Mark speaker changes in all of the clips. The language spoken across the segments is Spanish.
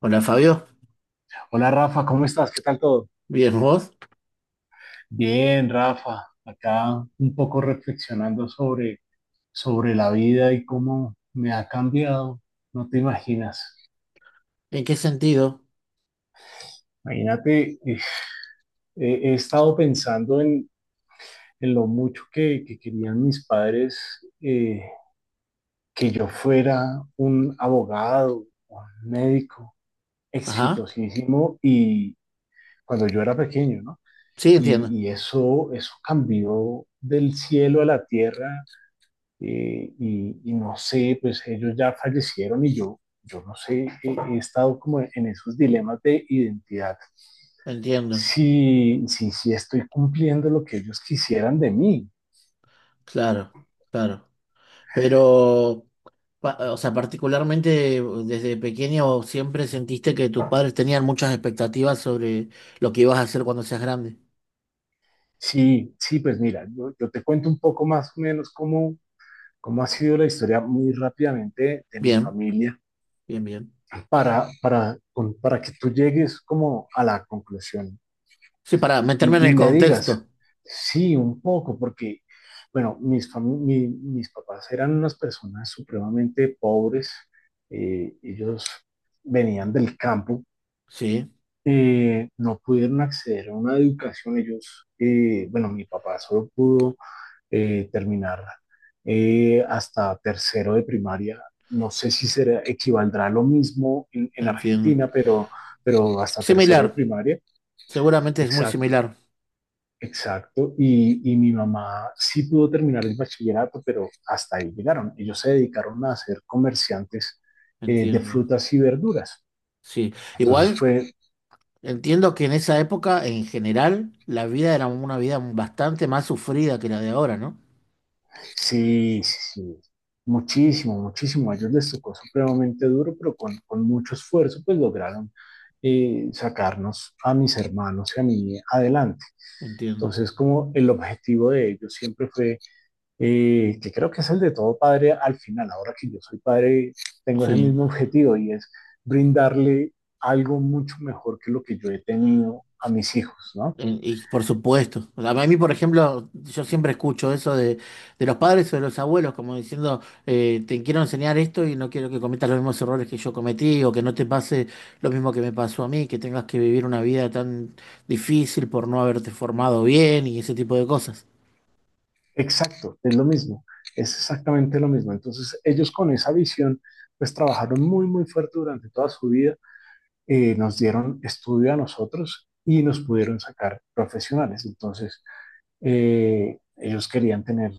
Speaker 1: Hola Fabio,
Speaker 2: Hola Rafa, ¿cómo estás? ¿Qué tal todo?
Speaker 1: bien vos,
Speaker 2: Bien, Rafa, acá un poco reflexionando sobre la vida y cómo me ha cambiado, no te imaginas.
Speaker 1: ¿en qué sentido?
Speaker 2: Imagínate, he estado pensando en lo mucho que querían mis padres que yo fuera un abogado, un médico
Speaker 1: Ajá,
Speaker 2: exitosísimo y cuando yo era pequeño, ¿no?
Speaker 1: sí entiendo,
Speaker 2: Y eso cambió del cielo a la tierra, y no sé, pues ellos ya fallecieron y yo no sé, he estado como en esos dilemas de identidad.
Speaker 1: entiendo,
Speaker 2: Si estoy cumpliendo lo que ellos quisieran de mí.
Speaker 1: claro, claro. Pero, o sea, particularmente desde pequeño siempre sentiste que tus padres tenían muchas expectativas sobre lo que ibas a hacer cuando seas grande.
Speaker 2: Sí, sí, pues mira, yo te cuento un poco más o menos cómo, cómo ha sido la historia muy rápidamente de mi
Speaker 1: Bien,
Speaker 2: familia
Speaker 1: bien, bien.
Speaker 2: para que tú llegues como a la conclusión
Speaker 1: Sí, para meterme en
Speaker 2: y
Speaker 1: el
Speaker 2: me
Speaker 1: contexto.
Speaker 2: digas, sí, un poco, porque, bueno, mis papás eran unas personas supremamente pobres, ellos venían del campo,
Speaker 1: Sí,
Speaker 2: no pudieron acceder a una educación, ellos, bueno, mi papá solo pudo terminar hasta tercero de primaria. No sé si será, equivaldrá a lo mismo en
Speaker 1: entiendo.
Speaker 2: Argentina, pero hasta tercero de
Speaker 1: Similar,
Speaker 2: primaria.
Speaker 1: seguramente es muy similar,
Speaker 2: Exacto, y mi mamá sí pudo terminar el bachillerato, pero hasta ahí llegaron. Ellos se dedicaron a ser comerciantes, de
Speaker 1: entiendo.
Speaker 2: frutas y verduras.
Speaker 1: Sí,
Speaker 2: Entonces
Speaker 1: igual.
Speaker 2: fue,
Speaker 1: Entiendo que en esa época, en general, la vida era una vida bastante más sufrida que la de ahora, ¿no?
Speaker 2: sí, sí, sí, muchísimo, muchísimo. A ellos les tocó supremamente duro, pero con mucho esfuerzo, pues lograron sacarnos a mis hermanos y a mí adelante.
Speaker 1: Entiendo.
Speaker 2: Entonces, como el objetivo de ellos siempre fue, que creo que es el de todo padre al final, ahora que yo soy padre, tengo ese
Speaker 1: Sí.
Speaker 2: mismo objetivo y es brindarle algo mucho mejor que lo que yo he tenido a mis hijos, ¿no?
Speaker 1: Y por supuesto. A mí, por ejemplo, yo siempre escucho eso de los padres o de los abuelos, como diciendo, te quiero enseñar esto y no quiero que cometas los mismos errores que yo cometí o que no te pase lo mismo que me pasó a mí, que tengas que vivir una vida tan difícil por no haberte formado bien y ese tipo de cosas.
Speaker 2: Exacto, es lo mismo, es exactamente lo mismo. Entonces ellos con esa visión, pues trabajaron muy fuerte durante toda su vida, nos dieron estudio a nosotros y nos pudieron sacar profesionales. Entonces, ellos querían tener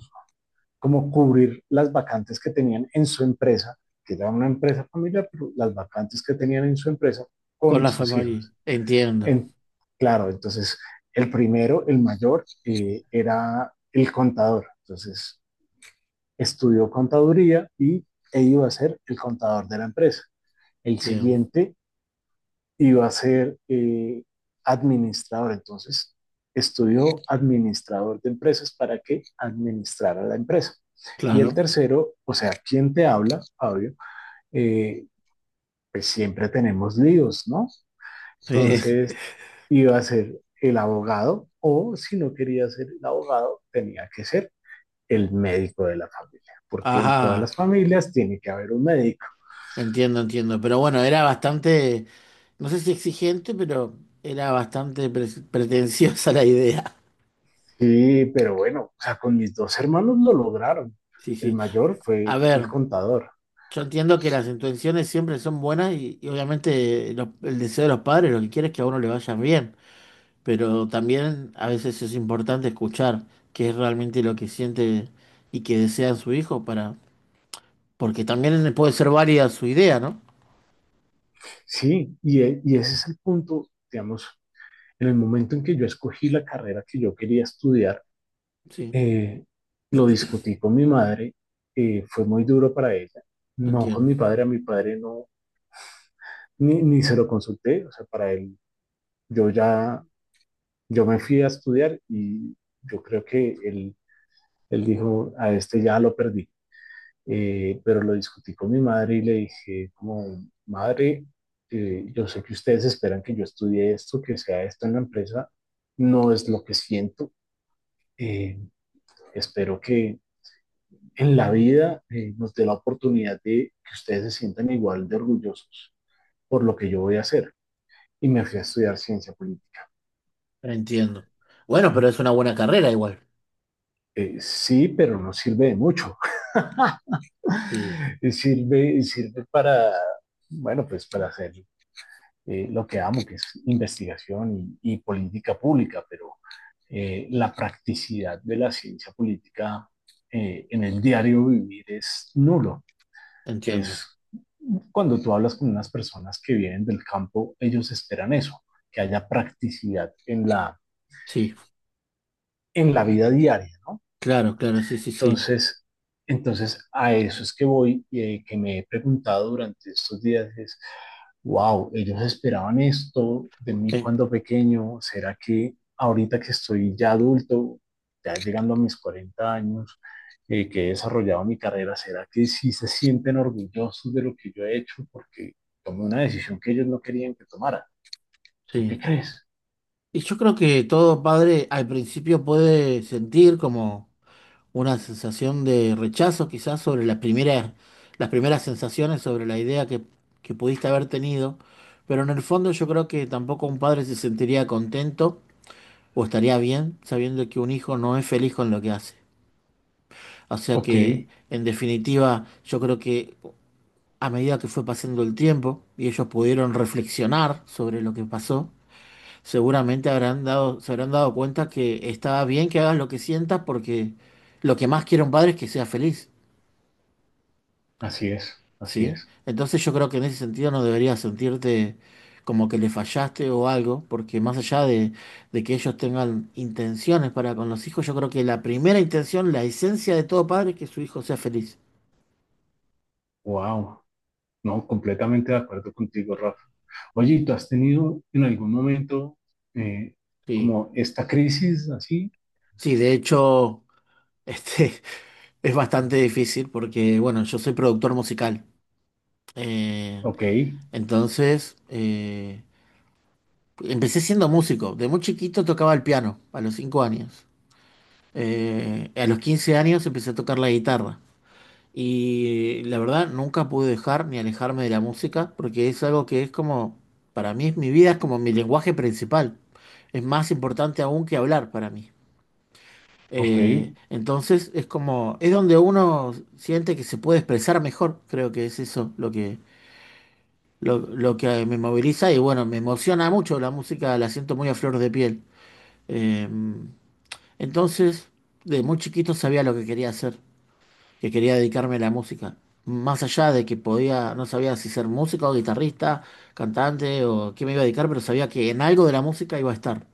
Speaker 2: como cubrir las vacantes que tenían en su empresa, que era una empresa familiar, pero las vacantes que tenían en su empresa
Speaker 1: Con
Speaker 2: con
Speaker 1: la
Speaker 2: sus
Speaker 1: familia.
Speaker 2: hijos.
Speaker 1: Entiendo.
Speaker 2: En, claro, entonces el primero, el mayor, era el contador. Entonces estudió contaduría y e iba a ser el contador de la empresa. El
Speaker 1: Bien.
Speaker 2: siguiente iba a ser administrador. Entonces, estudió administrador de empresas para que administrara la empresa. Y el
Speaker 1: Claro.
Speaker 2: tercero, o sea, quien te habla, Fabio, eh, pues siempre tenemos líos, ¿no? Entonces, iba a ser el abogado o si no quería ser el abogado, tenía que ser el médico de la familia, porque en todas las
Speaker 1: Ajá,
Speaker 2: familias tiene que haber un médico.
Speaker 1: entiendo, entiendo. Pero bueno, era bastante, no sé si exigente, pero era bastante pretenciosa la idea.
Speaker 2: Sí, pero bueno, o sea, con mis dos hermanos lo lograron.
Speaker 1: Sí,
Speaker 2: El
Speaker 1: sí.
Speaker 2: mayor
Speaker 1: A
Speaker 2: fue el
Speaker 1: ver,
Speaker 2: contador.
Speaker 1: yo entiendo que las intenciones siempre son buenas y obviamente el deseo de los padres lo que quiere es que a uno le vayan bien, pero también a veces es importante escuchar qué es realmente lo que siente y que desea su hijo para, porque también puede ser válida su idea, ¿no?
Speaker 2: Sí, y ese es el punto, digamos, en el momento en que yo escogí la carrera que yo quería estudiar,
Speaker 1: Sí,
Speaker 2: eh, lo discutí con mi madre, fue muy duro para ella, no con
Speaker 1: entiendo,
Speaker 2: mi padre, a mi padre no, ni se lo consulté, o sea, para él, yo ya, yo me fui a estudiar y yo creo que él dijo, a este ya lo perdí. Pero lo discutí con mi madre y le dije, como, madre, yo sé que ustedes esperan que yo estudie esto, que sea esto en la empresa, no es lo que siento. Eh, Espero que en la vida nos dé la oportunidad de que ustedes se sientan igual de orgullosos por lo que yo voy a hacer. Y me fui a estudiar ciencia política.
Speaker 1: entiendo. Bueno, pero es una buena carrera igual.
Speaker 2: Sí, pero no sirve de mucho.
Speaker 1: Sí.
Speaker 2: Sirve, sirve para, bueno, pues para hacer lo que amo, que es investigación y política pública, pero la practicidad de la ciencia política en el diario vivir es nulo, que
Speaker 1: Entiendo.
Speaker 2: es cuando tú hablas con unas personas que vienen del campo, ellos esperan eso, que haya practicidad
Speaker 1: Sí,
Speaker 2: en la vida diaria, ¿no?
Speaker 1: claro, claro, sí, sí, sí.
Speaker 2: Entonces, entonces, a eso es que voy, que me he preguntado durante estos días es wow, ellos esperaban esto de mí
Speaker 1: Eh,
Speaker 2: cuando pequeño, ¿será que ahorita que estoy ya adulto, ya llegando a mis 40 años, que he desarrollado mi carrera, será que sí se sienten orgullosos de lo que yo he hecho? Porque tomé una decisión que ellos no querían que tomara. ¿Tú
Speaker 1: sí.
Speaker 2: qué crees?
Speaker 1: Y yo creo que todo padre al principio puede sentir como una sensación de rechazo quizás sobre las primeras sensaciones, sobre la idea que pudiste haber tenido, pero en el fondo yo creo que tampoco un padre se sentiría contento o estaría bien sabiendo que un hijo no es feliz con lo que hace. O sea
Speaker 2: Ok,
Speaker 1: que, en definitiva, yo creo que a medida que fue pasando el tiempo y ellos pudieron reflexionar sobre lo que pasó, seguramente habrán dado, se habrán dado cuenta que estaba bien que hagas lo que sientas porque lo que más quiere un padre es que sea feliz,
Speaker 2: así es, así
Speaker 1: ¿sí?
Speaker 2: es.
Speaker 1: Entonces yo creo que en ese sentido no deberías sentirte como que le fallaste o algo, porque más allá de que ellos tengan intenciones para con los hijos, yo creo que la primera intención, la esencia de todo padre es que su hijo sea feliz.
Speaker 2: Wow, no, completamente de acuerdo contigo, Rafa. Oye, ¿y ¿tú has tenido en algún momento eh,
Speaker 1: Sí,
Speaker 2: como esta crisis así?
Speaker 1: sí, de hecho, este, es bastante difícil porque, bueno, yo soy productor musical. Eh,
Speaker 2: Ok,
Speaker 1: entonces empecé siendo músico. De muy chiquito tocaba el piano, a los 5 años. A los 15 años empecé a tocar la guitarra. Y la verdad, nunca pude dejar ni alejarme de la música porque es algo que es como, para mí, es mi vida, es como mi lenguaje principal. Es más importante aún que hablar para mí.
Speaker 2: Ok,
Speaker 1: Entonces es como, es donde uno siente que se puede expresar mejor, creo que es eso lo que, lo que me moviliza y bueno, me emociona mucho la música, la siento muy a flor de piel. Eh, entonces, de muy chiquito sabía lo que quería hacer, que quería dedicarme a la música. Más allá de que podía, no sabía si ser músico o guitarrista, cantante o qué me iba a dedicar, pero sabía que en algo de la música iba a estar.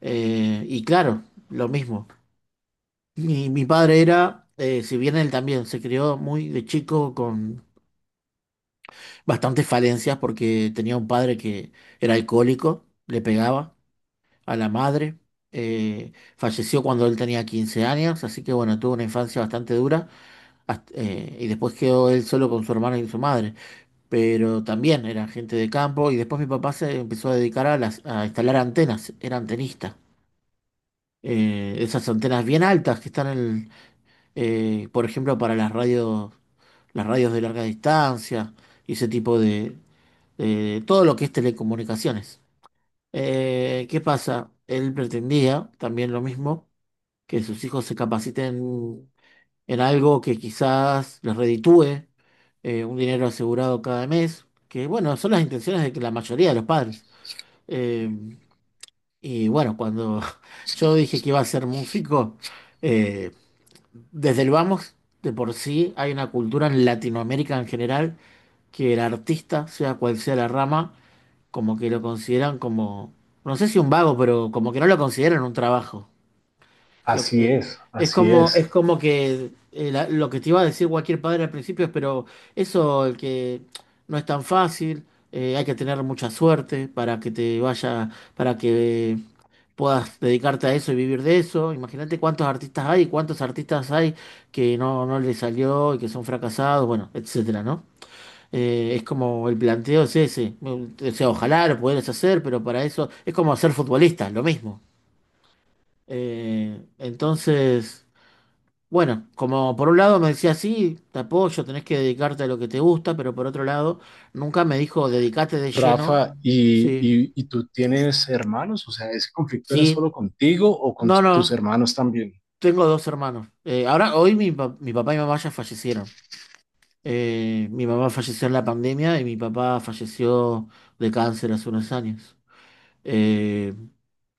Speaker 1: Y claro, lo mismo. Mi padre era, si bien él también se crió muy de chico con bastantes falencias porque tenía un padre que era alcohólico, le pegaba a la madre, eh, falleció cuando él tenía 15 años, así que bueno, tuvo una infancia bastante dura y después quedó él solo con su hermana y su madre, pero también era gente de campo y después mi papá se empezó a dedicar a, las, a instalar antenas, era antenista, esas antenas bien altas que están en, por ejemplo, para las radios, las radios de larga distancia y ese tipo de, todo lo que es telecomunicaciones. ¿Qué pasa? Él pretendía también lo mismo, que sus hijos se capaciten en algo que quizás les reditúe un dinero asegurado cada mes, que bueno, son las intenciones de que la mayoría de los padres. Eh, y bueno, cuando yo dije que iba a ser músico, eh, desde el vamos, de por sí hay una cultura en Latinoamérica en general que el artista, sea cual sea la rama, como que lo consideran como, no sé si un vago, pero como que no lo consideran un trabajo. Lo-
Speaker 2: así
Speaker 1: eh,
Speaker 2: es,
Speaker 1: es
Speaker 2: así
Speaker 1: como,
Speaker 2: es.
Speaker 1: es como que lo que te iba a decir cualquier padre al principio es, pero eso, el que no es tan fácil, hay que tener mucha suerte para que te vaya, para que puedas dedicarte a eso y vivir de eso. Imagínate cuántos artistas hay que no les salió y que son fracasados, bueno, etcétera, ¿no? Es como el planteo es ese. O sea, ojalá lo pudieras hacer, pero para eso es como ser futbolista, lo mismo. Entonces, bueno, como por un lado me decía, sí, te apoyo, tenés que dedicarte a lo que te gusta, pero por otro lado, nunca me dijo, dedicate de lleno.
Speaker 2: Rafa, ¿y,
Speaker 1: Sí,
Speaker 2: y, y tú tienes hermanos? O sea, ¿ese conflicto era
Speaker 1: sí,
Speaker 2: solo contigo o con t-
Speaker 1: no,
Speaker 2: tus
Speaker 1: no,
Speaker 2: hermanos también?
Speaker 1: tengo dos hermanos. Ahora, hoy mi, mi papá y mamá ya fallecieron. Mi mamá falleció en la pandemia y mi papá falleció de cáncer hace unos años. Eh,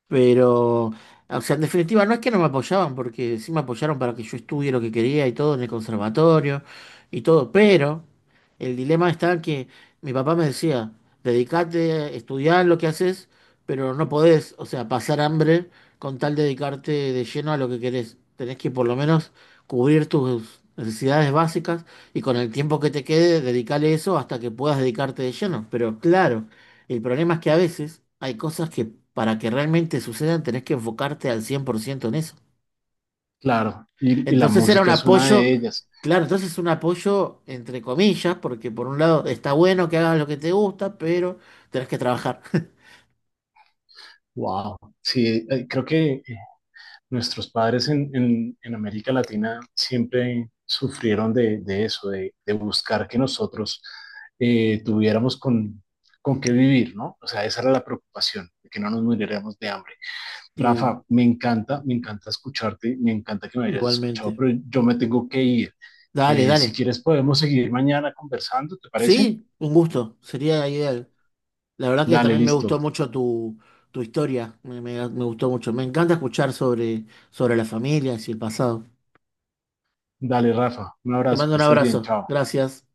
Speaker 1: Pero, o sea, en definitiva, no es que no me apoyaban, porque sí me apoyaron para que yo estudie lo que quería y todo en el conservatorio y todo, pero el dilema está que mi papá me decía, dedicate, estudiar lo que haces, pero no podés, o sea, pasar hambre con tal de dedicarte de lleno a lo que querés. Tenés que por lo menos cubrir tus necesidades básicas y con el tiempo que te quede, dedicarle eso hasta que puedas dedicarte de lleno. Pero claro. El problema es que a veces hay cosas que para que realmente sucedan tenés que enfocarte al 100% en eso.
Speaker 2: Claro, y la
Speaker 1: Entonces era un
Speaker 2: música es una
Speaker 1: apoyo,
Speaker 2: de ellas.
Speaker 1: claro, entonces es un apoyo entre comillas, porque por un lado está bueno que hagas lo que te gusta, pero tenés que trabajar.
Speaker 2: Wow, sí, creo que nuestros padres en América Latina siempre sufrieron de eso, de buscar que nosotros tuviéramos con qué vivir, ¿no? O sea, esa era la preocupación, de que no nos muriéramos de hambre.
Speaker 1: Sí,
Speaker 2: Rafa, me encanta escucharte, me encanta que me hayas escuchado,
Speaker 1: igualmente.
Speaker 2: pero yo me tengo que ir.
Speaker 1: Dale,
Speaker 2: Si
Speaker 1: dale.
Speaker 2: quieres, podemos seguir mañana conversando, ¿te parece?
Speaker 1: Sí, un gusto, sería ideal. La verdad que
Speaker 2: Dale,
Speaker 1: también me gustó
Speaker 2: listo.
Speaker 1: mucho tu, tu historia, me, me gustó mucho. Me encanta escuchar sobre, sobre las familias y el pasado.
Speaker 2: Dale, Rafa, un
Speaker 1: Te
Speaker 2: abrazo,
Speaker 1: mando
Speaker 2: que
Speaker 1: un
Speaker 2: estés bien,
Speaker 1: abrazo,
Speaker 2: chao.
Speaker 1: gracias.